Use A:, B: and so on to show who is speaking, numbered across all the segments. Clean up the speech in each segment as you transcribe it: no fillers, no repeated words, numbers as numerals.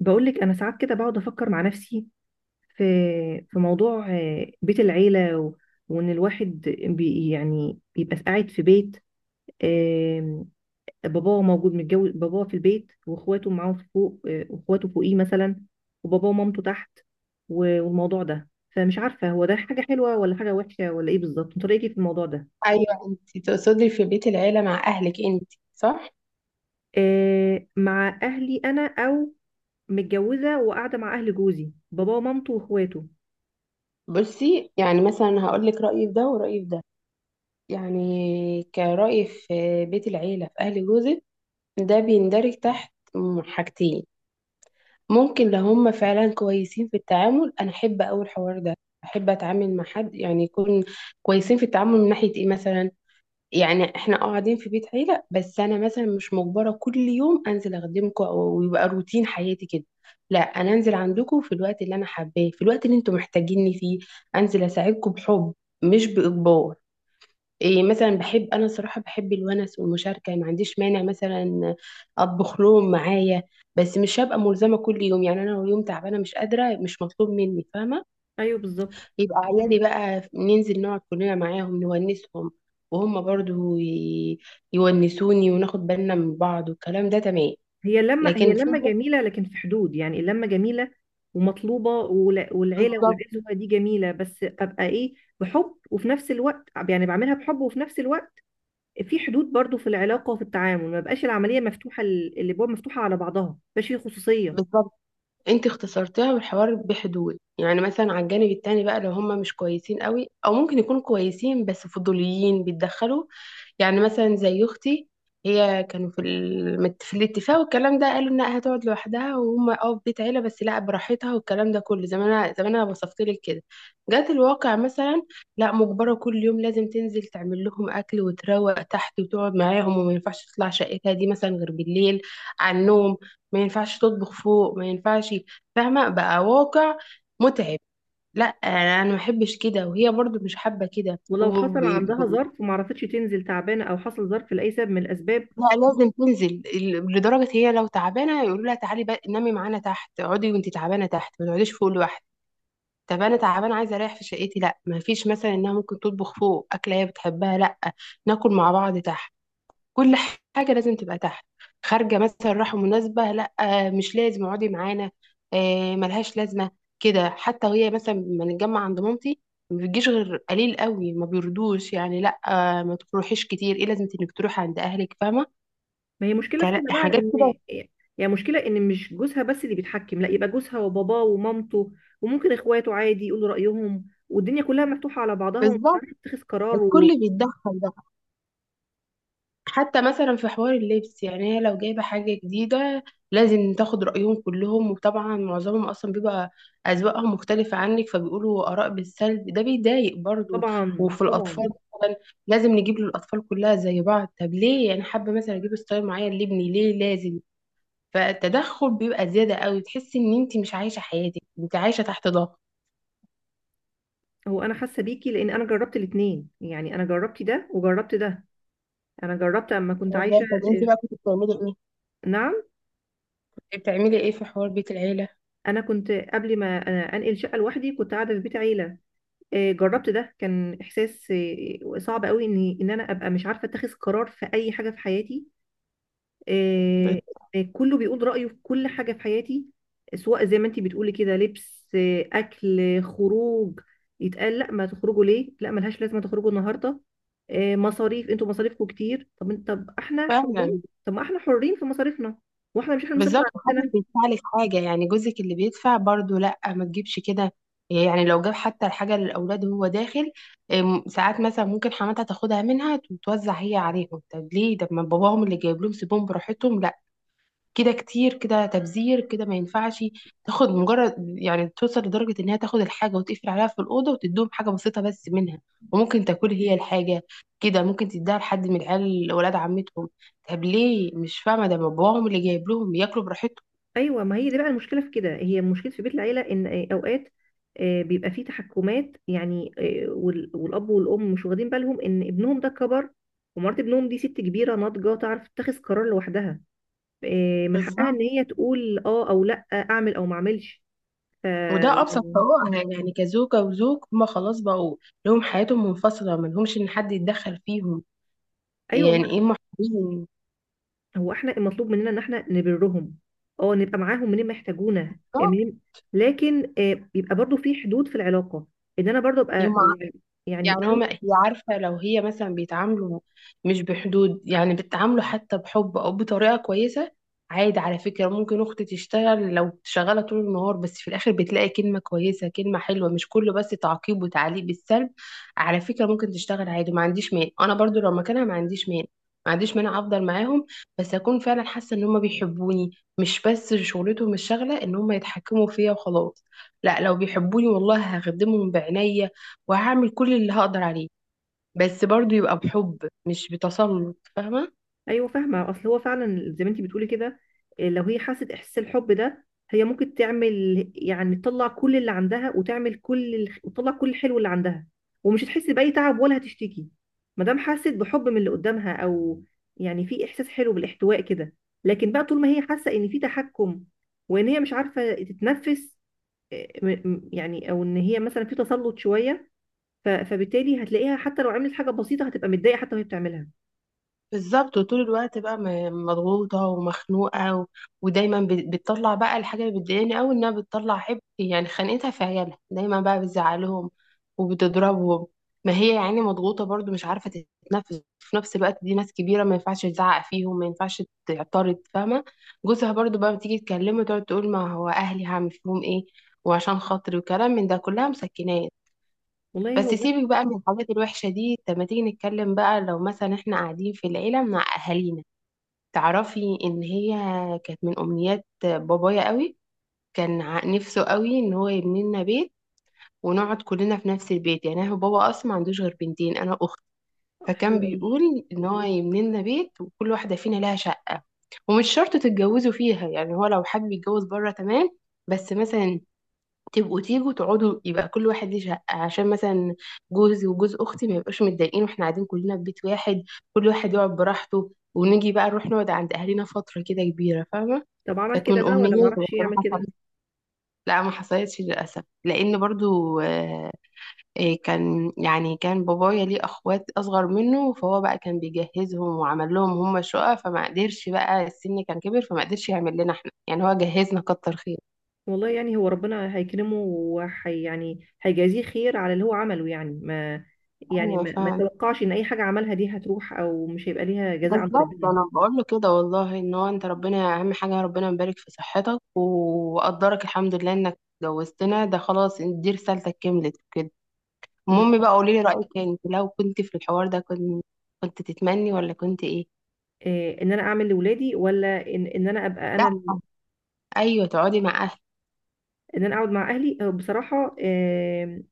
A: بقولك، انا ساعات كده بقعد افكر مع نفسي في في موضوع، بيت العيله و... وان الواحد، يعني بيبقى قاعد في بيت، آم، باباه موجود، متجوز باباه في البيت واخواته معاه في فوق، واخواته فوقيه مثلا، وباباه ومامته تحت. و- والموضوع ده، فمش عارفه هو ده حاجه حلوه ولا حاجه وحشه ولا ايه بالظبط. انت رايك إيه في الموضوع ده؟
B: ايوه، انت تقصدي في بيت العيله مع اهلك انت؟ صح.
A: مع اهلي انا، او متجوزه وقاعده مع اهل جوزي، باباه ومامته واخواته.
B: بصي، يعني مثلا هقول لك رايي في ده ورايي في ده. يعني كرايي في بيت العيله في اهل جوزك، ده بيندرج تحت حاجتين. ممكن لو هم فعلا كويسين في التعامل، انا احب اول الحوار ده. احب اتعامل مع حد يعني يكون كويسين في التعامل، من ناحيه ايه مثلا؟ يعني احنا قاعدين في بيت عيلة، بس انا مثلا مش مجبرة كل يوم انزل اخدمكم او ويبقى روتين حياتي كده. لا، انا انزل عندكم في الوقت اللي انا حباه، في الوقت اللي انتم محتاجيني فيه. انزل اساعدكم بحب، مش باجبار. إيه مثلا بحب؟ انا صراحة بحب الونس والمشاركة، ما عنديش مانع مثلا اطبخ لهم معايا. بس مش هبقى ملزمة كل يوم، يعني انا لو يوم تعبانة مش قادرة، مش مطلوب مني، فاهمة؟
A: ايوه، بالظبط.
B: يبقى عيالي بقى ننزل نقعد كلنا معاهم نونسهم، وهم برضو يونسوني، وناخد بالنا من بعض، والكلام ده تمام.
A: هي لما
B: لكن
A: هي
B: في.
A: لما جميلة، لكن في حدود. يعني اللمة جميلة ومطلوبة، ولا- والعيلة
B: بالظبط.
A: والعزوة دي جميلة، بس أبقى إيه؟ بحب، وفي نفس الوقت، يعني بعملها بحب، وفي نفس الوقت في حدود برضو في العلاقة وفي التعامل. ما بقاش العملية مفتوحة، الأبواب مفتوحة على بعضها، ما بقاش في خصوصية.
B: بالظبط، انت اختصرتها، والحوار بحدود، يعني مثلا على الجانب التاني بقى لو هم مش كويسين قوي، او ممكن يكونوا كويسين بس فضوليين بيتدخلوا. يعني مثلا زي اختي، هي كانوا في الاتفاق والكلام ده، قالوا انها هتقعد لوحدها وهم في بيت عيله، بس لا براحتها والكلام ده كله زي ما انا وصفت لك كده. جات الواقع مثلا، لا، مجبره كل يوم لازم تنزل تعمل لهم اكل وتروق تحت وتقعد معاهم، وما ينفعش تطلع شقتها دي مثلا غير بالليل، على النوم. ما ينفعش تطبخ فوق، ما ينفعش. فاهمه بقى؟ واقع متعب. لا، أنا ما بحبش كده، وهي برضو مش حابه كده.
A: ولو حصل عندها ظرف وما عرفتش تنزل، تعبانة، أو حصل ظرف لأي سبب من الأسباب.
B: لا، لازم تنزل لدرجة هي لو تعبانة يقولوا لها تعالي بقى نامي معانا تحت، اقعدي وانتي تعبانة تحت، ما تقعديش فوق لوحدك. طب انا تعبانة عايزة اريح في شقتي، لا، ما فيش مثلا انها ممكن تطبخ فوق اكلة هي بتحبها، لا، ناكل مع بعض تحت، كل حاجة لازم تبقى تحت. خارجة مثلا رايحة مناسبة، لا، مش لازم اقعدي معانا، ملهاش لازمة. كده حتى، وهي مثلا لما نتجمع عند مامتي ما بتجيش غير قليل قوي، ما بيردوش يعني، لا، ما تروحيش كتير، ايه لازمة انك تروحي عند اهلك، فاهمة؟
A: ما هي مشكلة في كده بقى،
B: حاجات كده.
A: ان يعني مشكلة ان مش جوزها بس اللي بيتحكم، لا يبقى جوزها وباباه ومامته، وممكن اخواته عادي يقولوا رأيهم، والدنيا كلها مفتوحة على بعضها ومش
B: بالظبط،
A: عارف تتخذ قرار.
B: الكل بيتدخل بقى. حتى مثلا في حوار اللبس، يعني هي لو جايبه حاجه جديده لازم تاخد رايهم كلهم، وطبعا معظمهم اصلا بيبقى اذواقهم مختلفه عنك فبيقولوا اراء بالسلب، ده بيضايق برضو.
A: وطبعا
B: وفي الاطفال
A: طبعا.
B: مثلا، لازم نجيب للاطفال كلها زي بعض، طب ليه؟ انا حابه مثلا اجيب ستايل معين لابني، ليه لازم؟ فالتدخل بيبقى زياده قوي، تحسي ان انت مش عايشه حياتك، انت عايشه تحت ضغط.
A: هو انا حاسة بيكي، لان انا جربت الاتنين. يعني انا جربت ده وجربت ده، انا جربت اما كنت عايشة.
B: والله طب انت بقى كنت بتعملي ايه؟
A: نعم.
B: بتعملي ايه في حوار بيت العيله؟
A: انا كنت قبل ما أنا انقل شقة لوحدي كنت قاعدة في بيت عيلة. جربت ده، كان احساس صعب قوي ان انا ابقى مش عارفة اتخذ قرار في اي حاجة في حياتي. آه، كله بيقول رأيه في كل حاجة في حياتي، سواء زي ما انتي بتقولي كده لبس، أكل، خروج. يتقال لا، ما تخرجوا ليه، لا ملهاش لازمة تخرجوا النهاردة، مصاريف، انتوا مصاريفكم كتير. طب انت، طب احنا حرين،
B: فعلا.
A: طب ما احنا حرين في مصاريفنا، واحنا مش احنا اللي بنصرف
B: بالظبط،
A: على
B: محدش
A: نفسنا.
B: بيدفع لك حاجة، يعني جوزك اللي بيدفع برضو، لا ما تجيبش كده. يعني لو جاب حتى الحاجة للأولاد وهو داخل، ساعات مثلا ممكن حماتها تاخدها منها وتوزع هي عليهم، طب ليه؟ طب ما باباهم اللي جايب لهم سيبهم براحتهم، لا، كده كتير، كده تبذير، كده ما ينفعش. تاخد مجرد، يعني توصل لدرجة انها تاخد الحاجة وتقفل عليها في الأوضة وتدوهم حاجة بسيطة بس منها، وممكن تاكل هي الحاجة. كده ممكن تديها لحد من العيال ولاد عمتهم، طب ليه؟ مش فاهمة، ده باباهم اللي جايب لهم، ياكلوا براحتهم.
A: ايوه، ما هي دي بقى المشكله في كده، هي مشكله في بيت العيله، ان اوقات بيبقى فيه تحكمات. يعني والاب والام مش واخدين بالهم ان ابنهم ده كبر، ومرات ابنهم دي ست كبيره ناضجه تعرف تتخذ قرار لوحدها. من حقها ان
B: بالظبط،
A: هي تقول اه او لا، اعمل او ما اعملش. ف
B: وده أبسط
A: يعني،
B: حقوقها، يعني كزوجة وزوج هما خلاص بقوا لهم حياتهم منفصلة، ما لهمش إن حد يتدخل فيهم،
A: ايوه.
B: يعني إيه؟
A: هو احنا المطلوب مننا ان احنا نبرهم، اه نبقى معاهم منين ما يحتاجونا،
B: محبين.
A: منين. لكن بيبقى برضو في حدود في العلاقه، ان انا برضو ابقى يعني. يعني
B: يعني هما هي، عارفة لو هي مثلا بيتعاملوا مش بحدود، يعني بيتعاملوا حتى بحب أو بطريقة كويسة. عادي، على فكرة ممكن أختي تشتغل لو شغالة طول النهار، بس في الآخر بتلاقي كلمة كويسة كلمة حلوة، مش كله بس تعقيب وتعليق بالسلب. على فكرة ممكن تشتغل عادي، ما عنديش مانع، أنا برضو لو مكانها ما عنديش مانع، ما عنديش مانع أفضل معاهم. بس أكون فعلا حاسة إن هما بيحبوني، مش بس شغلتهم الشغلة إن هما يتحكموا فيا وخلاص. لا، لو بيحبوني والله هخدمهم بعناية وهعمل كل اللي هقدر عليه، بس برضو يبقى بحب مش بتسلط، فاهمة؟
A: ايوه، فاهمه. اصل هو فعلا زي ما انت بتقولي كده. إيه، لو هي حست احساس الحب ده، هي ممكن تعمل، يعني تطلع كل اللي عندها، وتعمل كل وتطلع كل الحلو اللي عندها، ومش هتحس باي تعب ولا هتشتكي ما دام حست بحب من اللي قدامها. او يعني في احساس حلو بالاحتواء كده. لكن بقى طول ما هي حاسه ان في تحكم، وان هي مش عارفه تتنفس، إيه، يعني، او ان هي مثلا في تسلط شويه، فبالتالي هتلاقيها حتى لو عملت حاجه بسيطه هتبقى متضايقه حتى وهي بتعملها.
B: بالظبط، وطول الوقت بقى مضغوطة ومخنوقة، و... ودايما بتطلع بقى الحاجة اللي بتضايقني أوي إنها بتطلع حب، يعني خانقتها في عيالها، دايما بقى بتزعلهم وبتضربهم. ما هي يعني مضغوطة برضو مش عارفة تتنفس، في نفس الوقت دي ناس كبيرة، ما ينفعش تزعق فيهم، ما ينفعش تعترض، فاهمة؟ جوزها برضو بقى بتيجي تكلمه، تقعد تقول ما هو أهلي هعمل فيهم إيه، وعشان خاطري، وكلام من ده، كلها مسكناه.
A: والله
B: بس
A: هو ده.
B: سيبك بقى من الحاجات الوحشة دي، طب ما تيجي نتكلم بقى لو مثلا احنا قاعدين في العيلة مع أهالينا. تعرفي إن هي كانت من أمنيات بابايا قوي، كان نفسه قوي إن هو يبني لنا بيت، ونقعد كلنا في نفس البيت. يعني هو بابا أصلا ما عندوش غير بنتين، أنا أخت،
A: حلو
B: فكان
A: قوي.
B: بيقول إن هو يبني لنا بيت وكل واحدة فينا لها شقة. ومش شرط تتجوزوا فيها، يعني هو لو حابب يتجوز بره تمام. بس مثلا تبقوا تيجوا تقعدوا، يبقى كل واحد ليه شقة، عشان مثلا جوزي وجوز أختي ما يبقاش متضايقين واحنا قاعدين كلنا في بيت واحد. كل واحد يقعد براحته، ونيجي بقى نروح نقعد عند أهلنا فترة كده كبيرة، فاهمة؟
A: طب عمل
B: كانت
A: كده
B: من
A: بقى، ولا
B: أمنياتي،
A: معرفش
B: بس ما
A: يعمل كده؟
B: حصلتش. لا، ما حصلتش للأسف، لأن برضو كان يعني كان بابايا ليه أخوات أصغر منه، فهو بقى كان بيجهزهم وعمل لهم هم شقة، فما قدرش بقى، السن كان كبر فما قدرش يعمل لنا احنا، يعني هو جهزنا كتر خير.
A: والله يعني هو ربنا هيكرمه، وحي يعني هيجازيه خير على اللي هو عمله. يعني ما يعني
B: أيوة،
A: ما, ما
B: فعلا.
A: توقعش ان اي حاجه عملها دي هتروح، او مش هيبقى ليها جزاء عند
B: بالظبط،
A: ربنا.
B: انا بقول له كده والله، ان هو انت ربنا اهم حاجه، ربنا يبارك في صحتك وقدرك، الحمد لله انك اتجوزتنا، ده خلاص دي رسالتك، كملت كده. المهم بقى،
A: بالظبط.
B: قولي لي رايك يعني، انت لو كنت في الحوار ده كنت تتمني ولا كنت ايه؟
A: إيه، ان انا اعمل لاولادي، ولا ان انا ابقى
B: لا،
A: انا
B: ايوه، تقعدي مع اهلك.
A: ان انا اقعد مع اهلي. بصراحه، إيه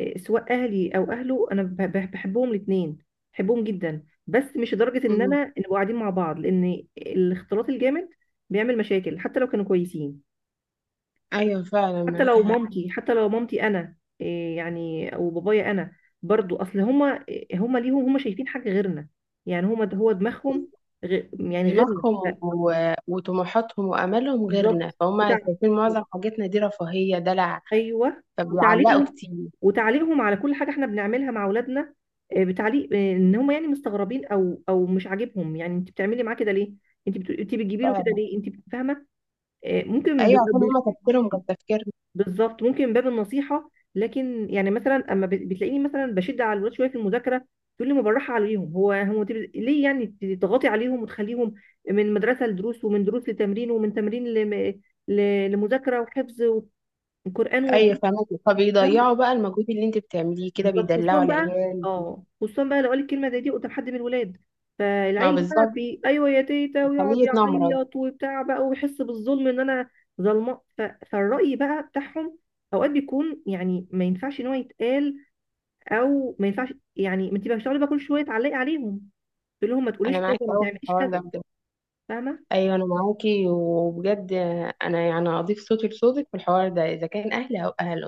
A: إيه، سواء اهلي او اهله، انا بحبهم الاثنين. بحبهم جدا، بس مش لدرجه ان
B: مم.
A: انا نبقى قاعدين مع بعض، لان الاختلاط الجامد بيعمل مشاكل حتى لو كانوا كويسين.
B: ايوه فعلا معاكي حق.
A: حتى لو مامتي، انا إيه يعني، او بابايا، انا برضو. اصل هما ليهم، هما شايفين حاجه غيرنا. يعني هما ده هو دماغهم، غير يعني غيرنا،
B: دماغهم و... وطموحاتهم وامالهم غيرنا،
A: بالظبط.
B: فهم
A: بتاع،
B: شايفين معظم حاجتنا دي رفاهيه دلع.
A: ايوه.
B: فبيعلقوا
A: وتعليقهم
B: كتير.
A: وتعليقهم على كل حاجه احنا بنعملها مع اولادنا، إيه بتعليق، إيه ان هما يعني مستغربين، او مش عاجبهم. يعني انت بتعملي معاه كده ليه؟ انت بتجيبي له كده
B: فعلا.
A: ليه؟ فاهمه؟ إيه، ممكن
B: ايوه،
A: بيبقى.
B: عشان هما تفكيرهم غير تفكيرنا.
A: بالظبط، ممكن من باب النصيحه، لكن يعني مثلا اما بتلاقيني مثلا بشد على الولاد شويه في المذاكره، تقول لي ما بالراحه عليهم. هو ليه يعني تضغطي عليهم، وتخليهم من مدرسه لدروس، ومن دروس لتمرين، ومن تمرين لم... ل... لمذاكره وحفظ وقران، ومش
B: ايوه فاهمك، فبيضيعوا
A: عارفة.
B: بقى المجهود اللي انت بتعمليه كده،
A: بالظبط، خصوصا
B: بيدلعوا
A: بقى.
B: العيال.
A: اه خصوصا بقى لو قال الكلمه زي دي قدام حد من الولاد،
B: ما هو
A: فالعيل بقى
B: بالظبط.
A: ايوه يا تيتا، ويقعد
B: بيخليه يتنمرض.
A: يعيط وبتاع بقى، ويحس بالظلم ان انا ظلمه. فالراي بقى بتاعهم اوقات بيكون، يعني ما ينفعش ان هو يتقال، او ما ينفعش. يعني ما انت بقى بتقعدي بقى كل شويه تعلقي عليهم، تقول لهم ما
B: انا
A: تقوليش
B: معاكي
A: كذا، ما
B: قوي في
A: تعمليش
B: الحوار ده
A: كذا.
B: بجد.
A: فاهمه.
B: ايوه انا معاكي وبجد. انا يعني اضيف صوتي لصوتك في الحوار ده، اذا كان اهل او اهله.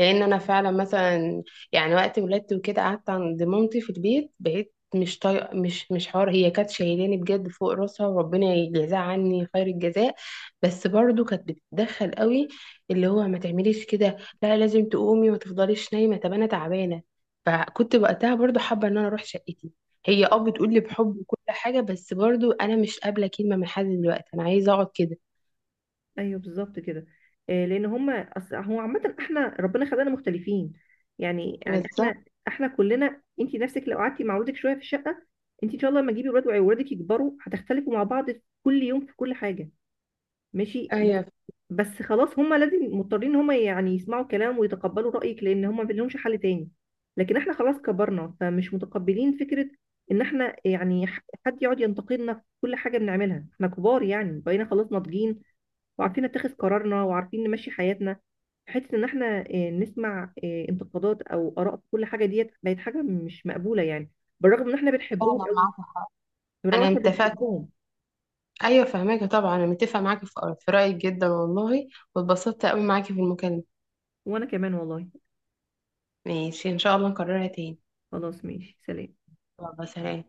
B: لان انا فعلا مثلا، يعني وقت ولادتي وكده قعدت عند مامتي في البيت، بقيت مش طايقه، مش حوار، هي كانت شايلاني بجد فوق راسها وربنا يجزاها عني خير الجزاء. بس برضو كانت بتتدخل قوي. اللي هو ما تعمليش كده، لا لازم تقومي، ما تفضليش نايمه، طب انا تعبانه. فكنت وقتها برضو حابه ان انا اروح شقتي. هي بتقول لي بحب وكل حاجه، بس برضو انا مش قابله كلمه من حد دلوقتي، انا عايزه اقعد كده.
A: ايوه، بالظبط كده. لان هما، أصل هو عامه احنا ربنا خلقنا مختلفين. يعني
B: بالظبط.
A: احنا كلنا، انت نفسك لو قعدتي مع ولادك شويه في الشقه. انت ان شاء الله، لما تجيبي ولاد وولادك يكبروا، هتختلفوا مع بعض في كل يوم في كل حاجه، ماشي. بس
B: ايوه
A: بس خلاص، هما لازم مضطرين ان هما يعني يسمعوا كلام ويتقبلوا رايك، لان هما ما لهمش حل تاني. لكن احنا خلاص كبرنا، فمش متقبلين فكره ان احنا يعني حد يقعد ينتقدنا في كل حاجه بنعملها. احنا كبار يعني، بقينا خلاص ناضجين، وعارفين نتخذ قرارنا، وعارفين نمشي حياتنا. حته ان احنا نسمع انتقادات او اراء في كل حاجه، ديت بقت حاجه مش مقبوله يعني، بالرغم ان احنا بنحبهم
B: فعلا
A: قوي.
B: معاك حق.
A: بالرغم ان
B: انا
A: احنا
B: اتفقت.
A: بنحبهم.
B: ايوه فهماكي، طبعا انا متفقه معاكي في رايك جدا والله. واتبسطت قوي معاكي في المكالمه.
A: وانا كمان والله.
B: ماشي، ان شاء الله نكررها تاني.
A: خلاص، ماشي سلام.
B: يلا سلام.